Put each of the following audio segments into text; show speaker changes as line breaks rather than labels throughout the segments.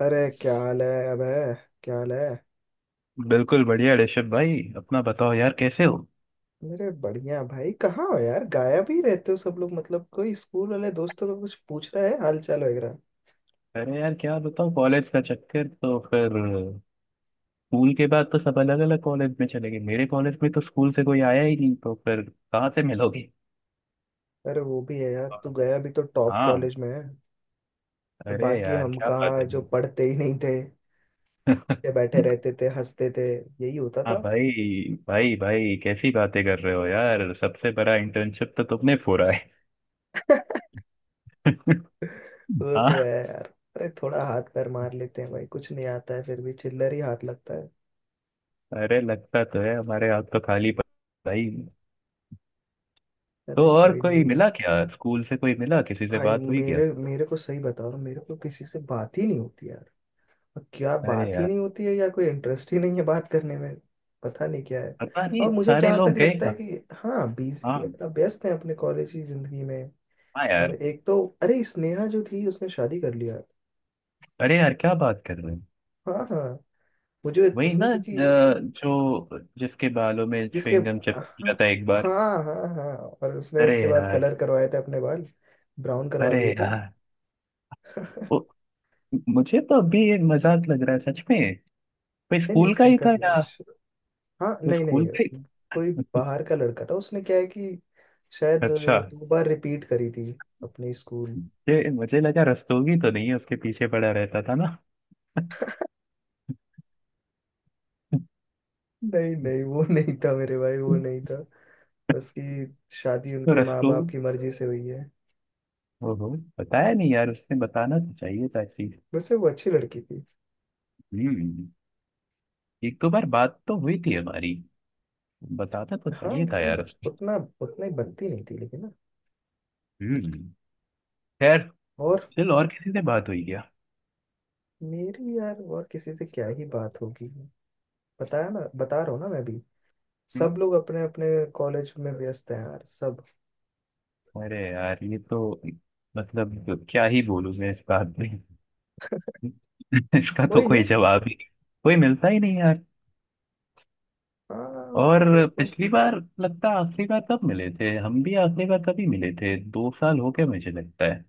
अरे क्या हाल है अबे क्या हाल है।
बिल्कुल बढ़िया ऋषभ भाई। अपना बताओ यार, कैसे हो?
मेरे बढ़िया भाई कहाँ हो यार। गायब ही रहते हो सब लोग। मतलब कोई स्कूल वाले दोस्तों को कुछ पूछ रहा है हाल चाल वगैरह।
अरे यार क्या बताओ, कॉलेज का चक्कर तो फिर। स्कूल के बाद तो सब अलग अलग कॉलेज में चले गए। मेरे कॉलेज में तो स्कूल से कोई आया ही नहीं, तो फिर कहाँ से मिलोगे?
अरे वो भी है यार तू गया भी तो टॉप
हाँ।
कॉलेज में है। तो
अरे
बाकी
यार
हम
क्या बात
कहाँ
है।
जो पढ़ते ही नहीं थे। ये बैठे रहते थे हंसते थे। यही होता
हाँ
था।
भाई भाई भाई, कैसी बातें कर रहे हो यार, सबसे बड़ा इंटर्नशिप तो तुमने फोड़ा है।
वो तो है
हाँ।
यार। अरे थोड़ा हाथ पैर मार लेते हैं भाई। कुछ नहीं आता है फिर भी चिल्लर ही हाथ लगता है।
अरे लगता तो है, हमारे हाथ तो खाली पड़े हैं भाई। तो
अरे
और
कोई
कोई
नहीं।
मिला क्या? स्कूल से कोई मिला? किसी से
भाई
बात हुई क्या?
मेरे मेरे को सही बता रहा हूँ। मेरे को किसी से बात ही नहीं होती यार। क्या
अरे
बात ही
यार।
नहीं होती है या कोई इंटरेस्ट ही नहीं है बात करने में। पता नहीं क्या है।
पता नहीं
और मुझे
सारे
जहाँ
लोग
तक
गए
लगता है
कहाँ।
कि हाँ बिजी है
हाँ।
अपना, व्यस्त है अपने कॉलेज की जिंदगी में।
हाँ
और
यार।
एक तो अरे, स्नेहा जो थी उसने शादी कर लिया।
अरे यार क्या बात कर रहे हैं।
हाँ हाँ। मुझे
वही ना,
इसने क्योंकि
जो जिसके बालों में
जिसके
च्युइंगम
हाँ,
चिपक गया था एक बार।
हाँ हाँ हाँ, और उसने
अरे
उसके बाद
यार।
कलर करवाए थे अपने बाल। ब्राउन करवा
अरे
लिए थे नहीं।
यार वो, मुझे तो अभी ये मजाक लग रहा है सच में। वो
नहीं
स्कूल का
उसने
ही था
कर लिए।
यार।
हाँ
वो
नहीं
स्कूल
नहीं,
का ही।
कोई बाहर का लड़का था। उसने क्या है कि शायद
अच्छा।
दो बार रिपीट करी थी अपने स्कूल।
ये मुझे लगा रस्तोगी तो नहीं है, उसके पीछे पड़ा रहता था ना।
नहीं नहीं वो नहीं था मेरे भाई, वो नहीं था। उसकी शादी
तो
उनके माँ बाप
रस्तोगी।
की मर्जी से हुई है।
ओहो। बताया नहीं यार उसने, बताना तो चाहिए था चीज।
वैसे वो अच्छी लड़की थी।
हम्म। एक दो बार बात तो हुई थी हमारी। बताता तो
हाँ
चाहिए था
लेकिन
यार उसने।
उतना उतना ही बनती नहीं थी लेकिन ना।
हम्म। खैर।
और
चल, और किसी से बात हुई क्या?
मेरी यार और किसी से क्या ही बात होगी। बताया ना, बता रहा हूँ ना मैं भी।
हम्म।
सब लोग अपने अपने कॉलेज में व्यस्त हैं यार सब।
अरे यार ये तो। मतलब क्या ही बोलूं मैं इस बात में। इसका तो
कोई
कोई
नहीं।
जवाब ही। कोई मिलता ही नहीं यार।
हाँ
और।
देखो,
पिछली बार लगता है, आखिरी बार कब मिले थे हम भी? आखिरी बार कभी मिले थे, 2 साल हो गए मुझे लगता है।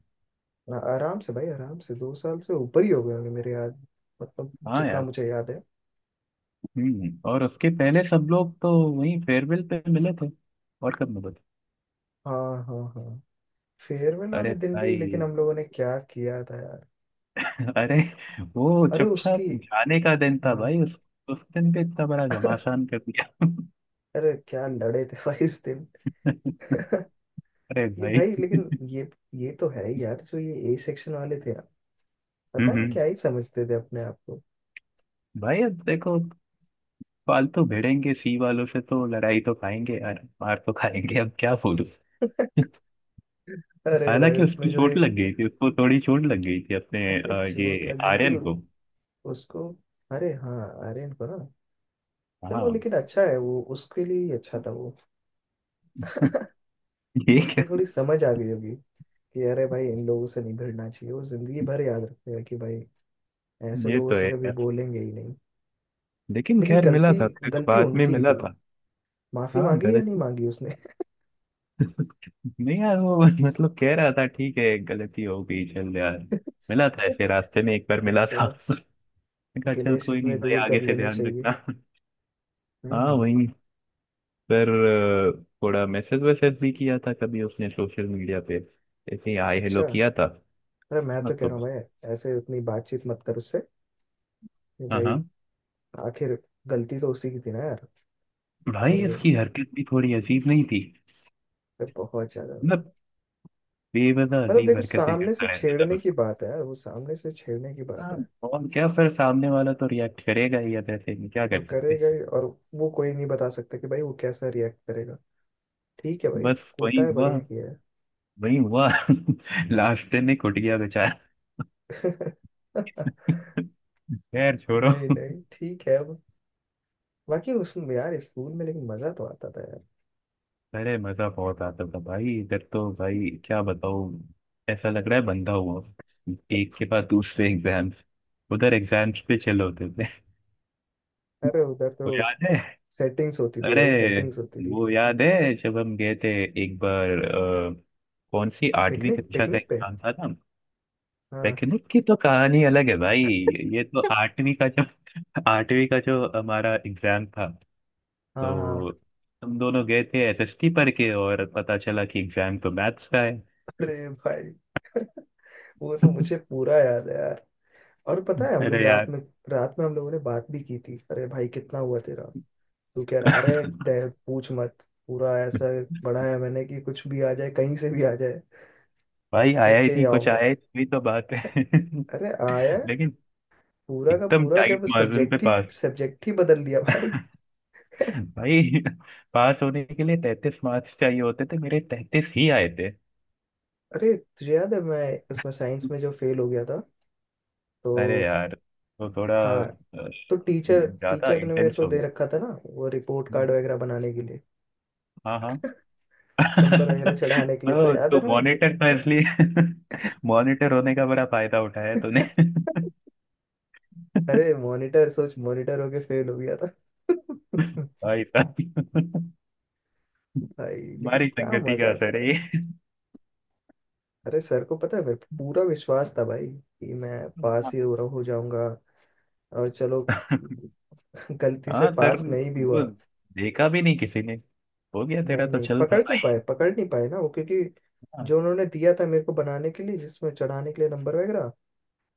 आराम से भाई आराम से। 2 साल से ऊपर ही हो गए होंगे मेरे याद। मतलब
हाँ
जितना
यार।
मुझे याद है।
हम्म, और उसके पहले सब लोग तो। वहीं फेयरवेल पे मिले थे। और कब मिले थे?
हाँ हाँ हाँ। फेयरवेल
अरे
वाले दिन भी लेकिन
भाई।
हम लोगों ने क्या किया था यार।
अरे वो
अरे उसकी
चुपचाप जाने का दिन था
हाँ।
भाई, उस। उस दिन पे इतना बड़ा घमासान कर दिया।
अरे क्या लड़े थे भाई इस दिन।
अरे
ये
भाई।
भाई लेकिन ये तो है ही यार। जो ये ए सेक्शन वाले थे ना,
हम्म
पता नहीं
हम्म।
क्या ही समझते थे अपने आप को।
भाई अब देखो। फालतू भिड़ेंगे सी वालों से तो लड़ाई तो खाएंगे यार, मार तो खाएंगे, अब क्या बोलूं।
अरे भाई
हालांकि
उसमें
उसकी
जो ये,
चोट लग गई थी, उसको थोड़ी चोट लग गई थी अपने,
अरे चोट
ये
लग गई थी
आर्यन को।
उसको। अरे हाँ, आर्यन को ना। चलो
हाँ।
लेकिन अच्छा है, वो उसके लिए ही अच्छा था वो।
ये
तो
क्या?
उसको थोड़ी समझ आ गई होगी कि अरे भाई इन लोगों से नहीं भिड़ना चाहिए। वो जिंदगी भर याद रखेगा कि भाई ऐसे
ये
लोगों
तो
से
है
कभी
यार,
बोलेंगे ही नहीं।
लेकिन
लेकिन
खैर मिला
गलती
था फिर,
गलती
बाद में
उनकी ही
मिला
थी।
था।
माफी
हाँ
मांगी या
गलत।
नहीं मांगी उसने।
नहीं यार वो, मतलब कह रहा था ठीक है गलती हो गई, चल यार। मिला था ऐसे रास्ते में एक बार मिला था।
चलो,
मैंने कहा चल
गिले
कोई नहीं
शिकवे
भाई,
दूर
आगे
कर
से
लेने
ध्यान
चाहिए।
रखना। हाँ
हम्म।
वही। पर। थोड़ा मैसेज वैसेज भी किया था कभी उसने सोशल मीडिया पे। ऐसे ही हाय हेलो
अच्छा।
किया था।
अरे मैं तो कह रहा हूँ
मतलब।
भाई, ऐसे उतनी बातचीत मत कर उससे। कि
हाँ
भाई
हाँ।
आखिर गलती तो उसी की थी ना यार।
भाई
और
इसकी हरकत भी थोड़ी अजीब नहीं थी?
बहुत ज्यादा भाई।
मतलब, बेवजह
मतलब
अजीब
देखो,
हरकतें
सामने से
करता रहता था
छेड़ने
बस।
की बात है यार। वो सामने से छेड़ने की बात
हाँ।
है।
और क्या फिर सामने वाला तो रिएक्ट करेगा ही, अब ऐसे में क्या
और
कर सकते
करेगा
हैं।
ही। और वो कोई नहीं बता सकता कि भाई वो कैसा रिएक्ट करेगा। ठीक है भाई।
बस वही
कूटा है,
हुआ।
बढ़िया किया
वही हुआ, लास्ट में कुट गया बेचारा।
है।
खैर छोड़ो।
नहीं नहीं ठीक है अब। बाकी उसमें यार, स्कूल में लेकिन मजा तो आता था यार।
अरे मजा बहुत आता था भाई, इधर तो भाई क्या बताऊँ। ऐसा लग रहा है बंधा हुआ। एक के बाद दूसरे एग्जाम्स। उधर एग्जाम्स पे चले होते थे।
अरे उधर तो
वो याद है?
सेटिंग्स होती थी
अरे
भाई, सेटिंग्स होती थी।
वो याद है जब हम गए थे? एक बार, कौन सी, आठवीं
पिकनिक
कक्षा का
पिकनिक पे।
एग्जाम था ना?
हाँ
टेक्निक की तो कहानी अलग है भाई। ये तो आठवीं का जो, आठवीं का जो हमारा एग्जाम था।
हाँ हाँ।
तो, हम दोनों गए थे एसएसटी पढ़ के, और पता चला कि एग्जाम तो मैथ्स का है।
अरे भाई वो तो मुझे पूरा याद है यार। और पता है हम
अरे
लोग
यार।
रात में हम लोगों ने बात भी की थी। अरे भाई कितना हुआ तेरा। तू कह रहा अरे, पूछ मत। पूरा ऐसा पढ़ा है मैंने कि कुछ भी आ जाए, कहीं से भी आ जाए
भाई
लिख
आया ही
के ही
नहीं, कुछ
आऊंगा।
आया ही नहीं, वही तो बात है।
अरे आया,
लेकिन
पूरा का
एकदम
पूरा
टाइट
जब
मार्जिन पे
सब्जेक्ट ही
पास।
सब्जेक्ट ही बदल दिया भाई।
भाई, पास होने के लिए 33 मार्क्स चाहिए होते थे, मेरे 33 ही आए थे।
अरे तुझे याद है मैं उसमें साइंस में जो फेल हो गया था
अरे
तो।
यार। तो थोड़ा
हाँ।
अ,
तो टीचर
ज्यादा
टीचर ने मेरे
इंटेंस
को
हो
दे रखा था ना वो रिपोर्ट कार्ड
गया।
वगैरह बनाने के लिए।
हाँ हाँ।
नंबर वगैरह
ओ।
चढ़ाने के लिए, तो याद
तो
है ना।
मॉनिटर तो इसलिए, मॉनिटर होने का बड़ा फायदा उठाया तूने।
अरे मॉनिटर सोच, मॉनिटर होके फेल हो गया था।
भाई साहब।
भाई लेकिन
हमारी
क्या
संगति का
मजा
असर
था।
है ये।
अरे सर को पता है भाई, पूरा विश्वास था भाई कि मैं पास
हाँ
ही हो, रहा हो जाऊंगा। और चलो गलती से
हाँ, सर
पास नहीं भी हुआ।
वो, देखा भी नहीं किसी ने। हो गया
नहीं
तेरा तो,
नहीं,
चल था
पकड़ नहीं
भाई।
पाए, पकड़ नहीं पाए ना वो, क्योंकि
हाँ।
जो उन्होंने दिया था मेरे को बनाने के लिए जिसमें चढ़ाने के लिए नंबर वगैरह,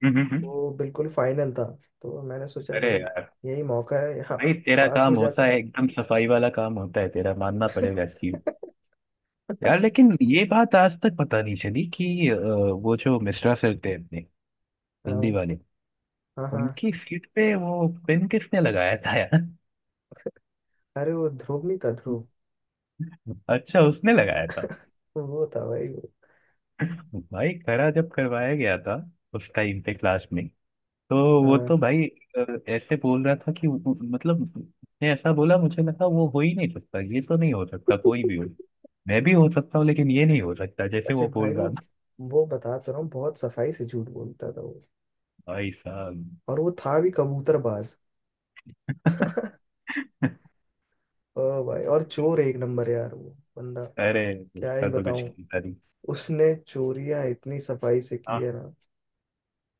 हम्म, हम्म, हम्म।
वो बिल्कुल फाइनल था। तो मैंने सोचा
अरे
भाई
यार।
यही मौका है, यहाँ
भाई तेरा
पास
काम
हो जाता
होता है
हूँ।
एकदम सफाई वाला, काम होता है तेरा, मानना पड़ेगा इसकी। यार लेकिन ये बात आज तक पता नहीं चली कि वो जो मिश्रा सर थे अपने, हिंदी
हाँ
वाले,
हाँ हाँ।
उनकी सीट पे वो पेन किसने लगाया था यार?
अरे वो ध्रुव नहीं था, ध्रुव।
अच्छा, उसने लगाया था।
वो था भाई वो।
भाई खरा जब करवाया गया था, उस टाइम पे क्लास में, तो वो
हाँ।
तो भाई ऐसे बोल रहा था कि मतलब उसने ऐसा बोला, मुझे लगा वो हो ही नहीं सकता, ये तो नहीं हो सकता, कोई भी हो। मैं भी हो सकता हूँ लेकिन ये नहीं हो सकता, जैसे
अरे
वो
भाई
बोल
वो
रहा था।
वो बता तो रहा हूँ बहुत सफाई से झूठ बोलता था वो।
भाई साहब।
और वो था भी कबूतरबाज। ओ भाई, और चोर एक नंबर यार वो बंदा।
अरे
क्या ही
उसका तो कुछ
बताऊं।
नहीं
उसने चोरियां इतनी सफाई से की
था।
है ना।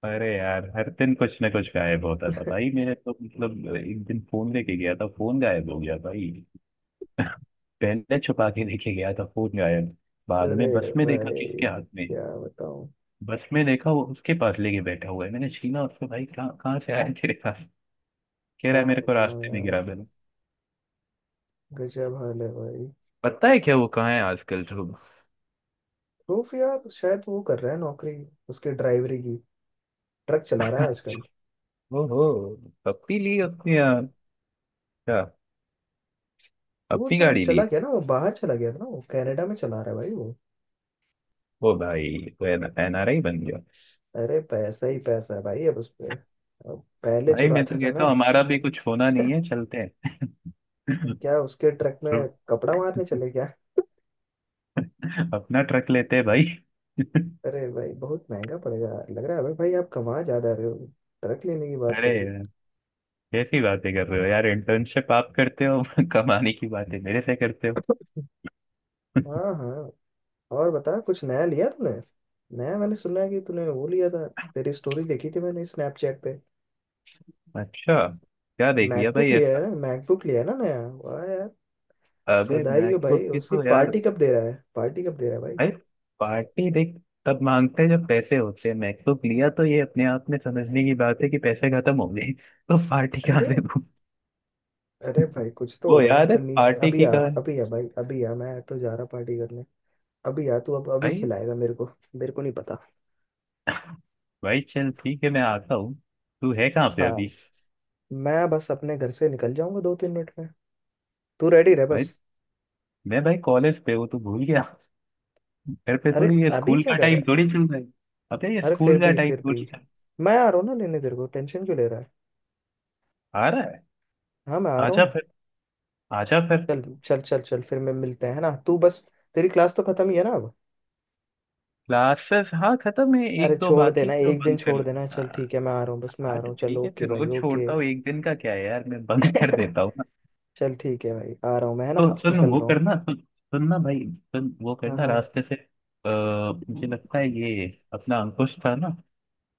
अरे यार हर दिन कुछ ना कुछ गायब होता था भाई, मेरे तो मतलब, एक दिन फोन लेके गया था, फोन गायब हो गया भाई। पहले छुपा के लेके गया था, फोन गायब। बाद
अरे
में बस में देखा
भाई
किसके हाथ में।
क्या बताऊं,
बस में देखा वो उसके पास लेके बैठा हुआ है, मैंने छीना उसको, भाई कहाँ कहाँ से आया तेरे पास? कह रहा
क्या
है मेरे को
बताऊं
रास्ते में
यार।
गिरा देना।
गजब हाल है भाई।
पता है क्या वो कहाँ है आजकल तो?
प्रूफ यार शायद वो कर रहा है नौकरी उसके, ड्राइवरी की। ट्रक चला रहा है आजकल।
ओहो। पप्पी ली उसने यार। क्या?
वो
अपनी
तो
गाड़ी
चला
ली।
गया ना, वो बाहर चला गया था ना। वो कनाडा में चला रहा है भाई वो।
ओ भाई। तो एनआरआई बन गया।
अरे पैसा ही पैसा है भाई अब उस पे। अब पहले
भाई मैं
चुराता
तो
था
कहता
ना।
हूँ हमारा भी कुछ होना नहीं है, चलते हैं।
क्या उसके ट्रक में
तुम।
कपड़ा मारने चले क्या।
अपना ट्रक लेते हैं भाई।
अरे भाई बहुत महंगा पड़ेगा, लग रहा है भाई भाई आप कमा ज्यादा रहे हो। ट्रक लेने की बात
अरे
कर दी।
यार। कैसी बातें कर रहे हो यार, इंटर्नशिप आप करते हो, कमाने की बातें मेरे से करते हो।
हाँ हाँ। और बता कुछ नया लिया तूने। नया मैंने सुना है कि तूने वो लिया था। तेरी स्टोरी देखी थी मैंने स्नैपचैट पे।
अच्छा। क्या देख लिया
मैकबुक
भाई
लिया
ऐसा?
है ना, मैकबुक लिया है ना नया। वाह यार,
अबे
बधाई हो भाई।
मैकबुक की
उसकी
तो यार।
पार्टी कब दे रहा है, पार्टी कब दे रहा है भाई।
भाई पार्टी देख, तब मांगते हैं जब पैसे होते हैं। मैकबुक लिया तो ये अपने आप में समझने की बात है कि पैसे खत्म हो गए, तो पार्टी कहाँ
अरे।
से दूं?
अरे भाई कुछ तो
वो
होगा ना,
याद है
चल नीचे
पार्टी
अभी
की
आ।
कहानी?
अभी आ भाई अभी आ। मैं तो जा रहा पार्टी करने। अभी आ तू, अब अभी
भाई।
खिलाएगा मेरे को। मेरे को नहीं पता।
भाई चल ठीक है, मैं आता हूँ। तू है कहाँ पे अभी?
हाँ मैं बस अपने घर से निकल जाऊंगा 2-3 मिनट में। तू रेडी रह
भाई।
बस।
मैं भाई कॉलेज पे हूँ, तू भूल गया। घर पे
अरे
थोड़ी, ये
अभी
स्कूल
क्या
का
कर रहा
टाइम
है।
थोड़ी चल रहा है। पता है ये
अरे
स्कूल का टाइम
फिर भी
थोड़ी चल।
मैं आ रहा हूँ ना लेने तेरे को, टेंशन क्यों ले रहा है।
आ रहा है।
हाँ मैं आ रहा हूँ
आजा
ना।
फिर। आजा फिर।
चल चल चल चल फिर मैं, मिलते हैं है ना, तू बस। तेरी क्लास तो खत्म ही है ना अब।
क्लासेस हाँ खत्म है,
अरे
एक दो
छोड़
बाकी
देना,
तो
एक दिन
बंद कर
छोड़
लो।
देना। चल
हाँ।
ठीक है मैं आ रहा हूँ, बस मैं आ
हाँ,
रहा
तो
हूँ। चल
ठीक है,
ओके
मैं
भाई
रोज
ओके।
छोड़ता हूँ, एक दिन का क्या है यार, मैं बंद कर देता हूँ ना।
चल ठीक है भाई आ रहा हूँ मैं, है ना।
तो सुन
निकल
वो
रहा हूँ।
करना सुन, सुनना भाई, सुन वो
हाँ
करना
हाँ
रास्ते से, मुझे लगता है ये, अपना अंकुश था ना,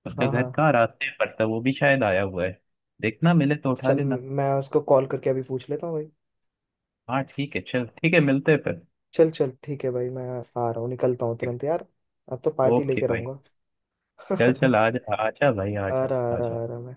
उसका
हाँ
घर
हाँ।
कहाँ रास्ते पर था, वो भी शायद आया हुआ है। देखना मिले तो उठा
चल
लेना।
मैं उसको कॉल करके अभी पूछ लेता हूँ भाई।
हाँ ठीक है, चल ठीक है, मिलते हैं फिर।
चल चल ठीक है भाई, मैं आ रहा हूँ, निकलता हूँ तुरंत यार। अब तो पार्टी
ओके
लेके
भाई।
रहूंगा।
चल चल आ जा, आजा भाई
आ
आजा।
रहा आ
आजा।
रहा आ रहा मैं।